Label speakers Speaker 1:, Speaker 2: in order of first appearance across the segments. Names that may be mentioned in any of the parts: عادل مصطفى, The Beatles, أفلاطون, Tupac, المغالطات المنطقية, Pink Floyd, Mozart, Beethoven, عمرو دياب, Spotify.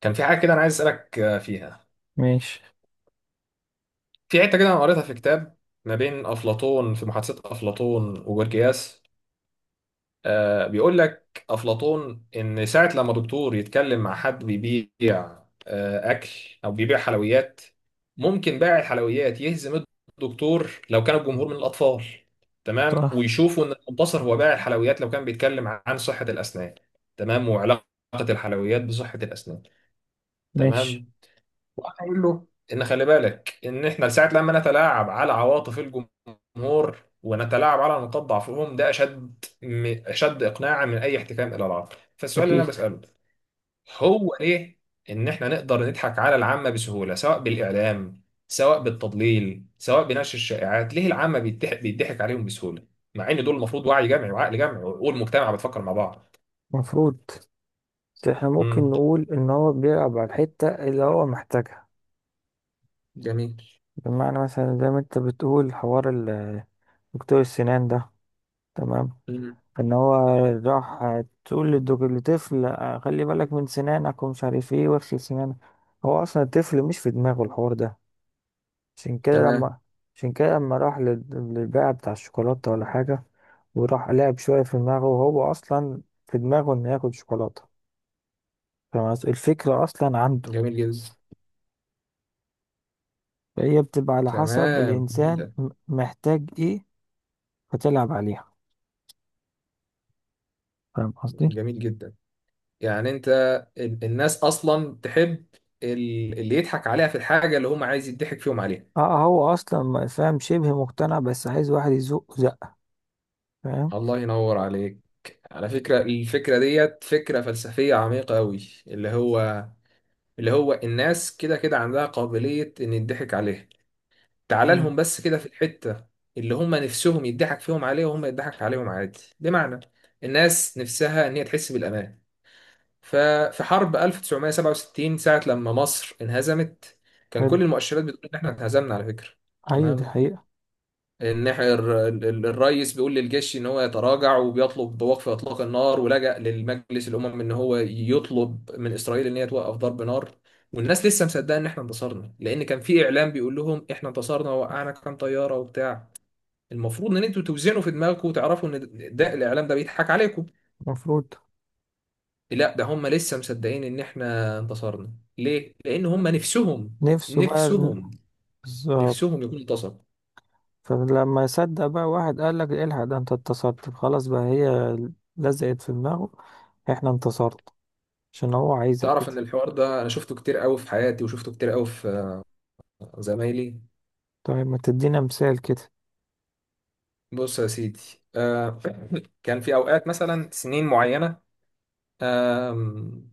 Speaker 1: كان في حاجة كده أنا عايز أسألك آه، فيها.
Speaker 2: ماشي.
Speaker 1: في حتة كده أنا قريتها في كتاب ما بين أفلاطون، في محادثة أفلاطون وجورجياس. بيقول لك أفلاطون إن ساعة لما دكتور يتكلم مع حد بيبيع أكل أو بيبيع حلويات، ممكن بائع الحلويات يهزم الدكتور لو كان الجمهور من الأطفال. تمام،
Speaker 2: صح.
Speaker 1: ويشوفوا إن المنتصر هو بائع الحلويات لو كان بيتكلم عن صحة الأسنان. تمام، وعلاقة الحلويات بصحة الأسنان.
Speaker 2: ماشي.
Speaker 1: تمام، وهقول له ان خلي بالك ان احنا ساعه لما نتلاعب على عواطف الجمهور ونتلاعب على نقاط ضعفهم، ده اشد اشد اقناعا من اي احتكام الى العقل. فالسؤال اللي انا
Speaker 2: أكيد.
Speaker 1: بساله هو ليه ان احنا نقدر نضحك على العامه بسهوله، سواء بالاعلام، سواء بالتضليل، سواء بنشر الشائعات؟ ليه العامه بيضحك عليهم بسهوله؟ مع ان دول المفروض وعي جمعي وعقل جمعي، والمجتمع بتفكر مع بعض.
Speaker 2: مفروض. بس احنا ممكن
Speaker 1: امم
Speaker 2: نقول إن هو بيلعب على الحتة اللي هو محتاجها،
Speaker 1: جميل.
Speaker 2: بمعنى مثلا زي ما أنت بتقول حوار دكتور السنان ده، تمام،
Speaker 1: امم
Speaker 2: إن هو راح تقول للطفل، خلي بالك من سنانك ومش عارف إيه واغسل سنانك. هو أصلا الطفل مش في دماغه الحوار ده. عشان كده
Speaker 1: تمام.
Speaker 2: لما عشان كده لما راح للبائع بتاع الشوكولاتة ولا حاجة، وراح لعب شوية في دماغه وهو أصلا في دماغه إنه ياكل شوكولاتة. فاهم قصدي؟ الفكرة أصلا عنده،
Speaker 1: جميل جدا.
Speaker 2: فهي بتبقى على حسب
Speaker 1: تمام.
Speaker 2: الإنسان محتاج إيه، فتلعب عليها. فاهم قصدي؟
Speaker 1: جميل جدا. يعني انت الناس اصلا تحب اللي يضحك عليها في الحاجه اللي هم عايز يضحك فيهم عليها.
Speaker 2: اه، هو أصلا فاهم، شبه مقتنع بس عايز واحد يزقه زقة. فاهم؟
Speaker 1: الله ينور عليك. على فكره الفكره ديت فكره فلسفيه عميقه قوي، اللي هو اللي هو الناس كده كده عندها قابليه ان يضحك عليها. تعال
Speaker 2: مم.
Speaker 1: لهم بس كده في الحته اللي هم نفسهم يضحك فيهم عليها، وهم يضحك عليهم عادي. بمعنى الناس نفسها ان هي تحس بالامان. ففي حرب 1967، ساعة لما مصر انهزمت، كان
Speaker 2: حلو.
Speaker 1: كل المؤشرات بتقول ان احنا انهزمنا، على فكرة.
Speaker 2: أيوة دي
Speaker 1: تمام،
Speaker 2: حقيقة.
Speaker 1: ان احنا الرئيس بيقول للجيش ان هو يتراجع، وبيطلب وقف اطلاق النار، ولجأ للمجلس الامم ان هو يطلب من اسرائيل ان هي توقف ضرب نار. والناس لسه مصدقه ان احنا انتصرنا، لان كان في اعلام بيقول لهم احنا انتصرنا وقعنا كام طياره وبتاع. المفروض ان انتوا توزنوا في دماغكم وتعرفوا ان ده الاعلام ده بيضحك عليكم.
Speaker 2: المفروض.
Speaker 1: لا، ده هم لسه مصدقين ان احنا انتصرنا. ليه؟ لان هم نفسهم،
Speaker 2: نفسه بقى
Speaker 1: نفسهم
Speaker 2: بالظبط.
Speaker 1: نفسهم يكون انتصر.
Speaker 2: فلما يصدق بقى، واحد قال لك الحق، ده انت انتصرت، خلاص بقى هي لزقت في دماغه، احنا انتصرت، عشان هو عايزك
Speaker 1: تعرف ان
Speaker 2: كده.
Speaker 1: الحوار ده انا شفته كتير قوي في حياتي، وشفته كتير قوي في زمايلي.
Speaker 2: طيب، ما تدينا مثال كده.
Speaker 1: بص يا سيدي. آه كان في اوقات مثلا سنين معينه، آم،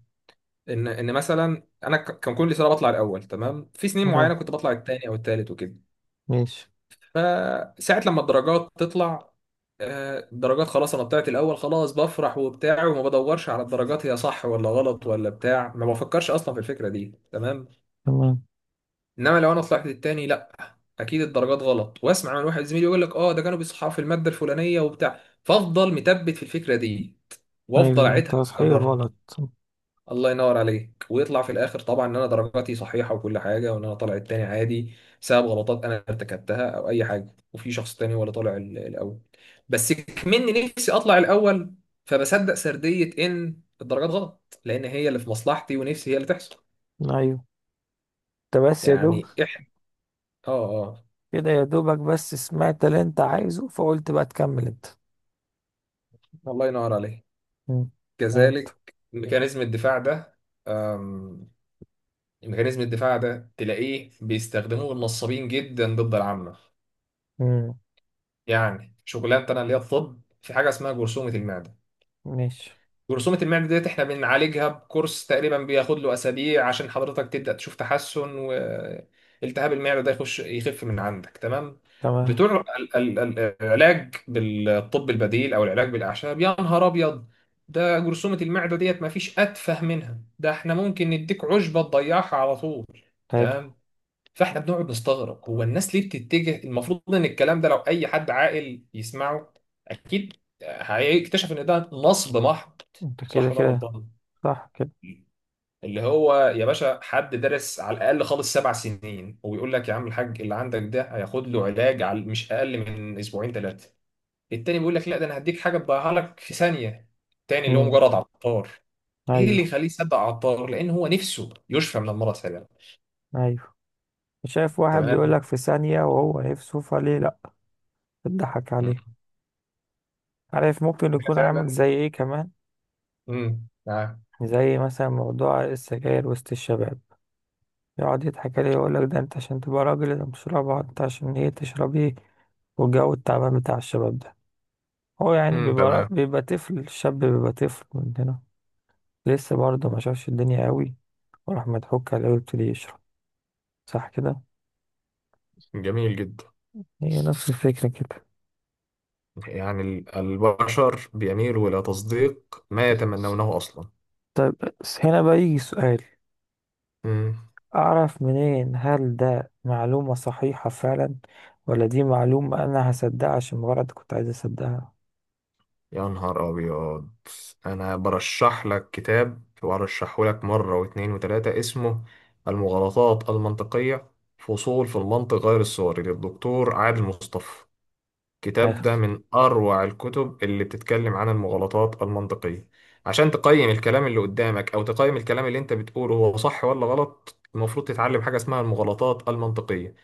Speaker 1: ان مثلا انا كان كل سنه بطلع الاول. تمام، في سنين معينه
Speaker 2: تمام.
Speaker 1: كنت بطلع الثاني او الثالث وكده.
Speaker 2: ماشي.
Speaker 1: فساعة لما الدرجات تطلع، الدرجات خلاص، انا طلعت الاول، خلاص بفرح وبتاع، وما بدورش على الدرجات هي صح ولا غلط ولا بتاع، ما بفكرش اصلا في الفكرة دي. تمام.
Speaker 2: تمام.
Speaker 1: انما لو انا طلعت التاني، لا اكيد الدرجات غلط، واسمع من واحد زميلي يقول لك اه ده كانوا بيصححوا في المادة الفلانية وبتاع، فافضل متبت في الفكرة دي
Speaker 2: ايوه،
Speaker 1: وافضل
Speaker 2: إن
Speaker 1: اعيدها
Speaker 2: تصحيح
Speaker 1: اكررها.
Speaker 2: غلط.
Speaker 1: الله ينور عليك. ويطلع في الاخر طبعا ان انا درجاتي صحيحه وكل حاجه، وان انا طالع التاني عادي بسبب غلطات انا ارتكبتها او اي حاجه، وفي شخص تاني ولا طالع الاول. بس كمني نفسي اطلع الاول، فبصدق سرديه ان الدرجات غلط، لان هي اللي في مصلحتي ونفسي هي اللي تحصل.
Speaker 2: ايوه. انت بس يا دوب
Speaker 1: يعني احنا اه اه
Speaker 2: كده، يا دوبك بس سمعت اللي انت عايزه فقلت بقى تكمل انت.
Speaker 1: الله ينور عليك.
Speaker 2: مم. فهمت.
Speaker 1: كذلك ميكانيزم الدفاع ده. أم... ميكانيزم الدفاع ده تلاقيه بيستخدموه النصابين جدا ضد العامه.
Speaker 2: مم.
Speaker 1: يعني شغلانه انا اللي هي الطب، في حاجه اسمها جرثومه المعده.
Speaker 2: ماشي.
Speaker 1: جرثومه المعده ديت احنا بنعالجها بكورس تقريبا، بياخد له اسابيع عشان حضرتك تبدا تشوف تحسن، والتهاب المعده ده يخش يخف من عندك. تمام.
Speaker 2: تمام.
Speaker 1: بتوع العلاج بالطب البديل او العلاج بالاعشاب، يا نهار ابيض، ده جرثومه المعده ديت ما فيش اتفه منها، ده احنا ممكن نديك عشبه تضيعها على طول.
Speaker 2: حلو.
Speaker 1: تمام. فاحنا بنقعد نستغرب هو الناس ليه بتتجه؟ المفروض ان الكلام ده لو اي حد عاقل يسمعه، اكيد هيكتشف ان ده نصب محض.
Speaker 2: انت كده
Speaker 1: صح ولا انا
Speaker 2: كده.
Speaker 1: غلطان؟
Speaker 2: صح كده.
Speaker 1: اللي هو يا باشا، حد درس على الاقل خالص 7 سنين ويقول لك يا عم الحاج اللي عندك ده هياخد له علاج على مش اقل من اسبوعين ثلاثه. التاني بيقول لك لا، ده انا هديك حاجه تضيعها لك في ثانيه، التاني اللي هو
Speaker 2: مم.
Speaker 1: مجرد عطار. ايه اللي
Speaker 2: ايوه.
Speaker 1: يخليه يصدق عطار؟ لان هو نفسه يشفى من المرض فعلا.
Speaker 2: ايوه، شايف واحد
Speaker 1: تمام.
Speaker 2: بيقولك في ثانية وهو نفسه، فليه لأ؟ بتضحك عليه.
Speaker 1: مم.
Speaker 2: عارف ممكن
Speaker 1: هي
Speaker 2: يكون عامل
Speaker 1: فعلا.
Speaker 2: زي ايه كمان؟
Speaker 1: امم
Speaker 2: زي مثلا موضوع السجاير وسط الشباب، يقعد يضحك عليه يقول لك ده انت عشان تبقى راجل لازم تشربها، انت عشان ايه تشرب ايه. والجو التعبان بتاع الشباب ده، هو يعني
Speaker 1: تمام.
Speaker 2: بيبقى طفل، الشاب بيبقى طفل مننا، لسه برضه ما شافش الدنيا قوي، وراح مضحوك عليه ويبتدي يشرب. صح كده.
Speaker 1: جميل جدا.
Speaker 2: هي نفس الفكرة كده.
Speaker 1: يعني البشر بيميلوا إلى تصديق ما يتمنونه أصلا.
Speaker 2: طيب، بس هنا بقى يجي سؤال،
Speaker 1: امم
Speaker 2: أعرف منين هل ده معلومة صحيحة فعلا، ولا دي معلومة أنا هصدقها عشان مجرد كنت عايز أصدقها.
Speaker 1: يا نهار أبيض. أنا برشح لك كتاب، وأرشحه لك مرة واتنين وتلاتة، اسمه المغالطات المنطقية، فصول في المنطق غير الصوري، للدكتور عادل مصطفى.
Speaker 2: حلو.
Speaker 1: الكتاب ده من أروع الكتب اللي بتتكلم عن المغالطات المنطقية. عشان تقيم الكلام اللي قدامك، أو تقيم الكلام اللي أنت بتقوله هو صح ولا غلط، المفروض تتعلم حاجة اسمها المغالطات المنطقية.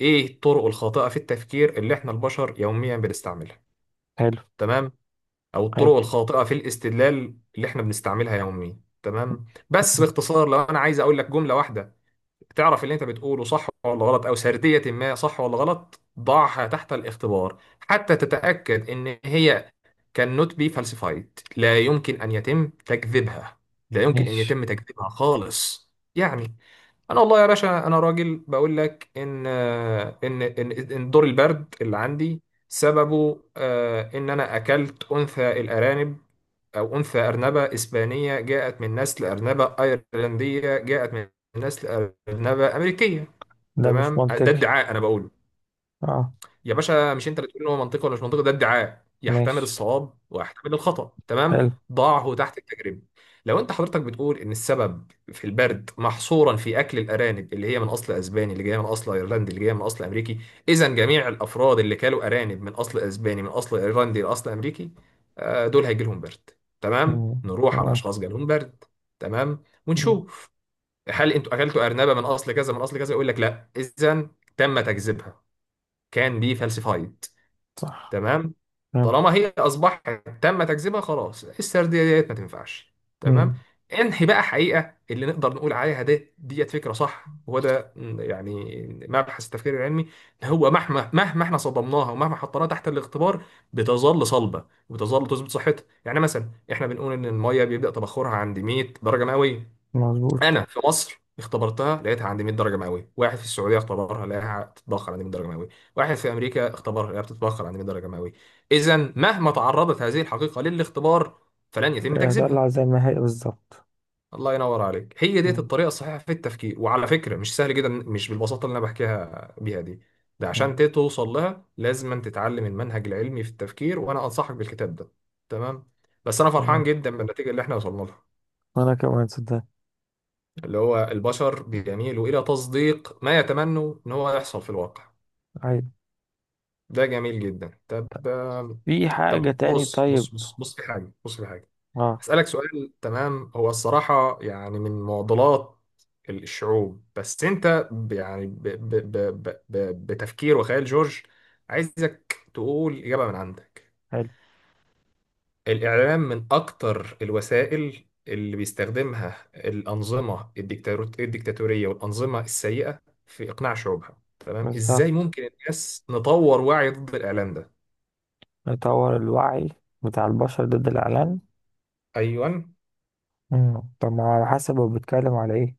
Speaker 1: إيه الطرق الخاطئة في التفكير اللي إحنا البشر يوميا بنستعملها؟
Speaker 2: حلو.
Speaker 1: تمام. أو
Speaker 2: حلو.
Speaker 1: الطرق الخاطئة في الاستدلال اللي إحنا بنستعملها يوميا. تمام. بس باختصار لو أنا عايز أقول لك جملة واحدة، تعرف اللي انت بتقوله صح ولا غلط او سردية ما صح ولا غلط، ضعها تحت الاختبار حتى تتأكد ان هي cannot be falsified، لا يمكن ان يتم تكذيبها، لا يمكن ان
Speaker 2: ماشي.
Speaker 1: يتم تكذيبها خالص. يعني انا والله يا باشا، انا راجل بقول لك إن دور البرد اللي عندي سببه ان انا اكلت انثى الارانب، أو أنثى أرنبة إسبانية جاءت من نسل أرنبة أيرلندية جاءت من نسل أرنبة أمريكية.
Speaker 2: ده مش
Speaker 1: تمام، ده
Speaker 2: منطقي.
Speaker 1: ادعاء أنا بقوله.
Speaker 2: اه.
Speaker 1: يا باشا مش انت اللي تقول ان هو منطقي ولا مش منطقي، ده ادعاء يحتمل
Speaker 2: ماشي.
Speaker 1: الصواب ويحتمل الخطأ. تمام.
Speaker 2: حلو.
Speaker 1: ضعه تحت التجربة. لو انت حضرتك بتقول ان السبب في البرد محصورا في اكل الارانب اللي هي من اصل اسباني، اللي جايه من اصل ايرلندي، اللي جايه من اصل امريكي، اذا جميع الافراد اللي كلوا ارانب من اصل اسباني من اصل ايرلندي لاصل امريكي، دول هيجي لهم برد. تمام،
Speaker 2: مم.
Speaker 1: نروح على
Speaker 2: تمام.
Speaker 1: اشخاص جالهم برد. تمام،
Speaker 2: مم.
Speaker 1: ونشوف هل انتوا اكلتوا ارنبه من اصل كذا من اصل كذا، يقول لك لا. اذا تم تكذيبها، كان بي فالسيفايد.
Speaker 2: صح.
Speaker 1: تمام.
Speaker 2: تمام.
Speaker 1: طالما هي اصبحت تم تكذيبها، خلاص السرديه ديت ما تنفعش. تمام.
Speaker 2: مم.
Speaker 1: انهي بقى حقيقه اللي نقدر نقول عليها ده ديت فكره صح؟ وهو ده يعني مبحث التفكير العلمي. إن هو مهما احنا صدمناها ومهما حطيناها تحت الاختبار، بتظل صلبه وبتظل تثبت صحتها. يعني مثلا احنا بنقول ان الميه بيبدا تبخرها عند 100 درجه مئويه.
Speaker 2: مظبوط.
Speaker 1: انا في مصر اختبرتها، لقيتها عندي 100 درجه مئويه. واحد في السعوديه اختبرها، لقاها بتتبخر عندي 100 درجه مئويه. واحد في امريكا اختبرها، لقاها بتتبخر عندي 100 درجه مئويه. اذا مهما تعرضت هذه الحقيقه للاختبار، فلن يتم
Speaker 2: هطلع
Speaker 1: تكذيبها.
Speaker 2: زي ما هي بالظبط.
Speaker 1: الله ينور عليك. هي ديت
Speaker 2: مم.
Speaker 1: الطريقه الصحيحه في التفكير، وعلى فكره مش سهل جدا، مش بالبساطه اللي انا بحكيها بيها دي. ده عشان
Speaker 2: مم.
Speaker 1: توصل لها لازم أن تتعلم المنهج العلمي في التفكير، وانا انصحك بالكتاب ده. تمام. بس انا فرحان
Speaker 2: تمام،
Speaker 1: جدا بالنتيجه اللي احنا وصلنا لها،
Speaker 2: وانا كمان صدق.
Speaker 1: اللي هو البشر بيميلوا إلى تصديق ما يتمنوا إن هو يحصل في الواقع.
Speaker 2: عيب.
Speaker 1: ده جميل جدا. طب
Speaker 2: في حاجة
Speaker 1: طب
Speaker 2: تاني؟
Speaker 1: بص،
Speaker 2: طيب.
Speaker 1: في حاجة، في حاجة
Speaker 2: اه.
Speaker 1: هسألك سؤال. تمام. هو الصراحة يعني من معضلات الشعوب، بس أنت يعني ب ب ب ب ب بتفكير وخيال جورج، عايزك تقول إجابة من عندك.
Speaker 2: حلو.
Speaker 1: الإعلام من أكتر الوسائل اللي بيستخدمها الأنظمة الديكتاتورية والأنظمة السيئة في إقناع شعوبها. تمام. إزاي
Speaker 2: بالظبط،
Speaker 1: ممكن الناس نطور وعي ضد الإعلام ده؟
Speaker 2: نطور الوعي بتاع البشر ضد الإعلان.
Speaker 1: أيوة.
Speaker 2: مم. طب ما هو على حسب هو بيتكلم على ايه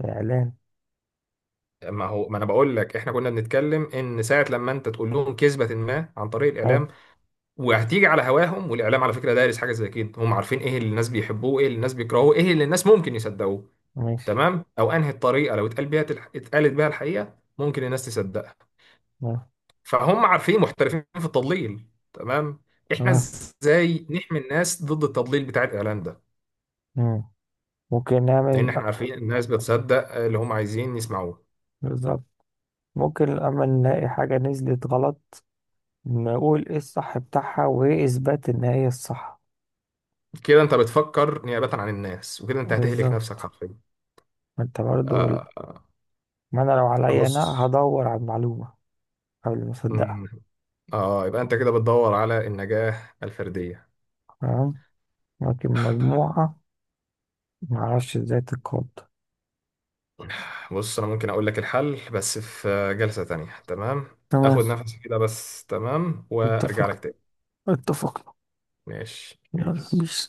Speaker 2: الإعلان.
Speaker 1: ما هو ما أنا بقول لك، إحنا كنا بنتكلم إن ساعة لما أنت تقول لهم كذبة ما عن طريق
Speaker 2: حلو.
Speaker 1: الإعلام، وهتيجي على هواهم، والإعلام على فكرة دارس حاجة زي كده، هم عارفين إيه اللي الناس بيحبوه، إيه اللي الناس بيكرهوه، إيه اللي الناس ممكن يصدقوه.
Speaker 2: ماشي.
Speaker 1: تمام، أو أنهي الطريقة لو اتقال بيها، اتقالت بيها الحقيقة، ممكن الناس تصدقها.
Speaker 2: اه.
Speaker 1: فهم عارفين محترفين في التضليل. تمام. احنا
Speaker 2: آه.
Speaker 1: ازاي نحمي الناس ضد التضليل بتاع الاعلان ده؟
Speaker 2: مم. ممكن
Speaker 1: لان
Speaker 2: نعمل.
Speaker 1: احنا عارفين الناس بتصدق اللي هم عايزين يسمعوه.
Speaker 2: بالظبط. ممكن أما نلاقي حاجة نزلت غلط، نقول ايه الصح بتاعها وايه اثبات ان هي الصح.
Speaker 1: كده انت بتفكر نيابة عن الناس، وكده انت هتهلك نفسك
Speaker 2: بالظبط.
Speaker 1: حرفيا.
Speaker 2: ما انت برضو.
Speaker 1: آه
Speaker 2: ما انا لو عليا
Speaker 1: بص.
Speaker 2: انا هدور على المعلومة قبل ما اصدقها.
Speaker 1: مم. اه، يبقى انت كده بتدور على النجاة الفردية.
Speaker 2: تمام. لكن مجموعة ما اعرفش ازاي تتقاد.
Speaker 1: بص، انا ممكن اقول لك الحل بس في جلسة تانية. تمام.
Speaker 2: تمام.
Speaker 1: اخد نفسي كده بس، تمام، وارجع لك
Speaker 2: اتفقنا.
Speaker 1: تاني.
Speaker 2: اتفقنا.
Speaker 1: ماشي
Speaker 2: يلا
Speaker 1: بيس.
Speaker 2: بيس.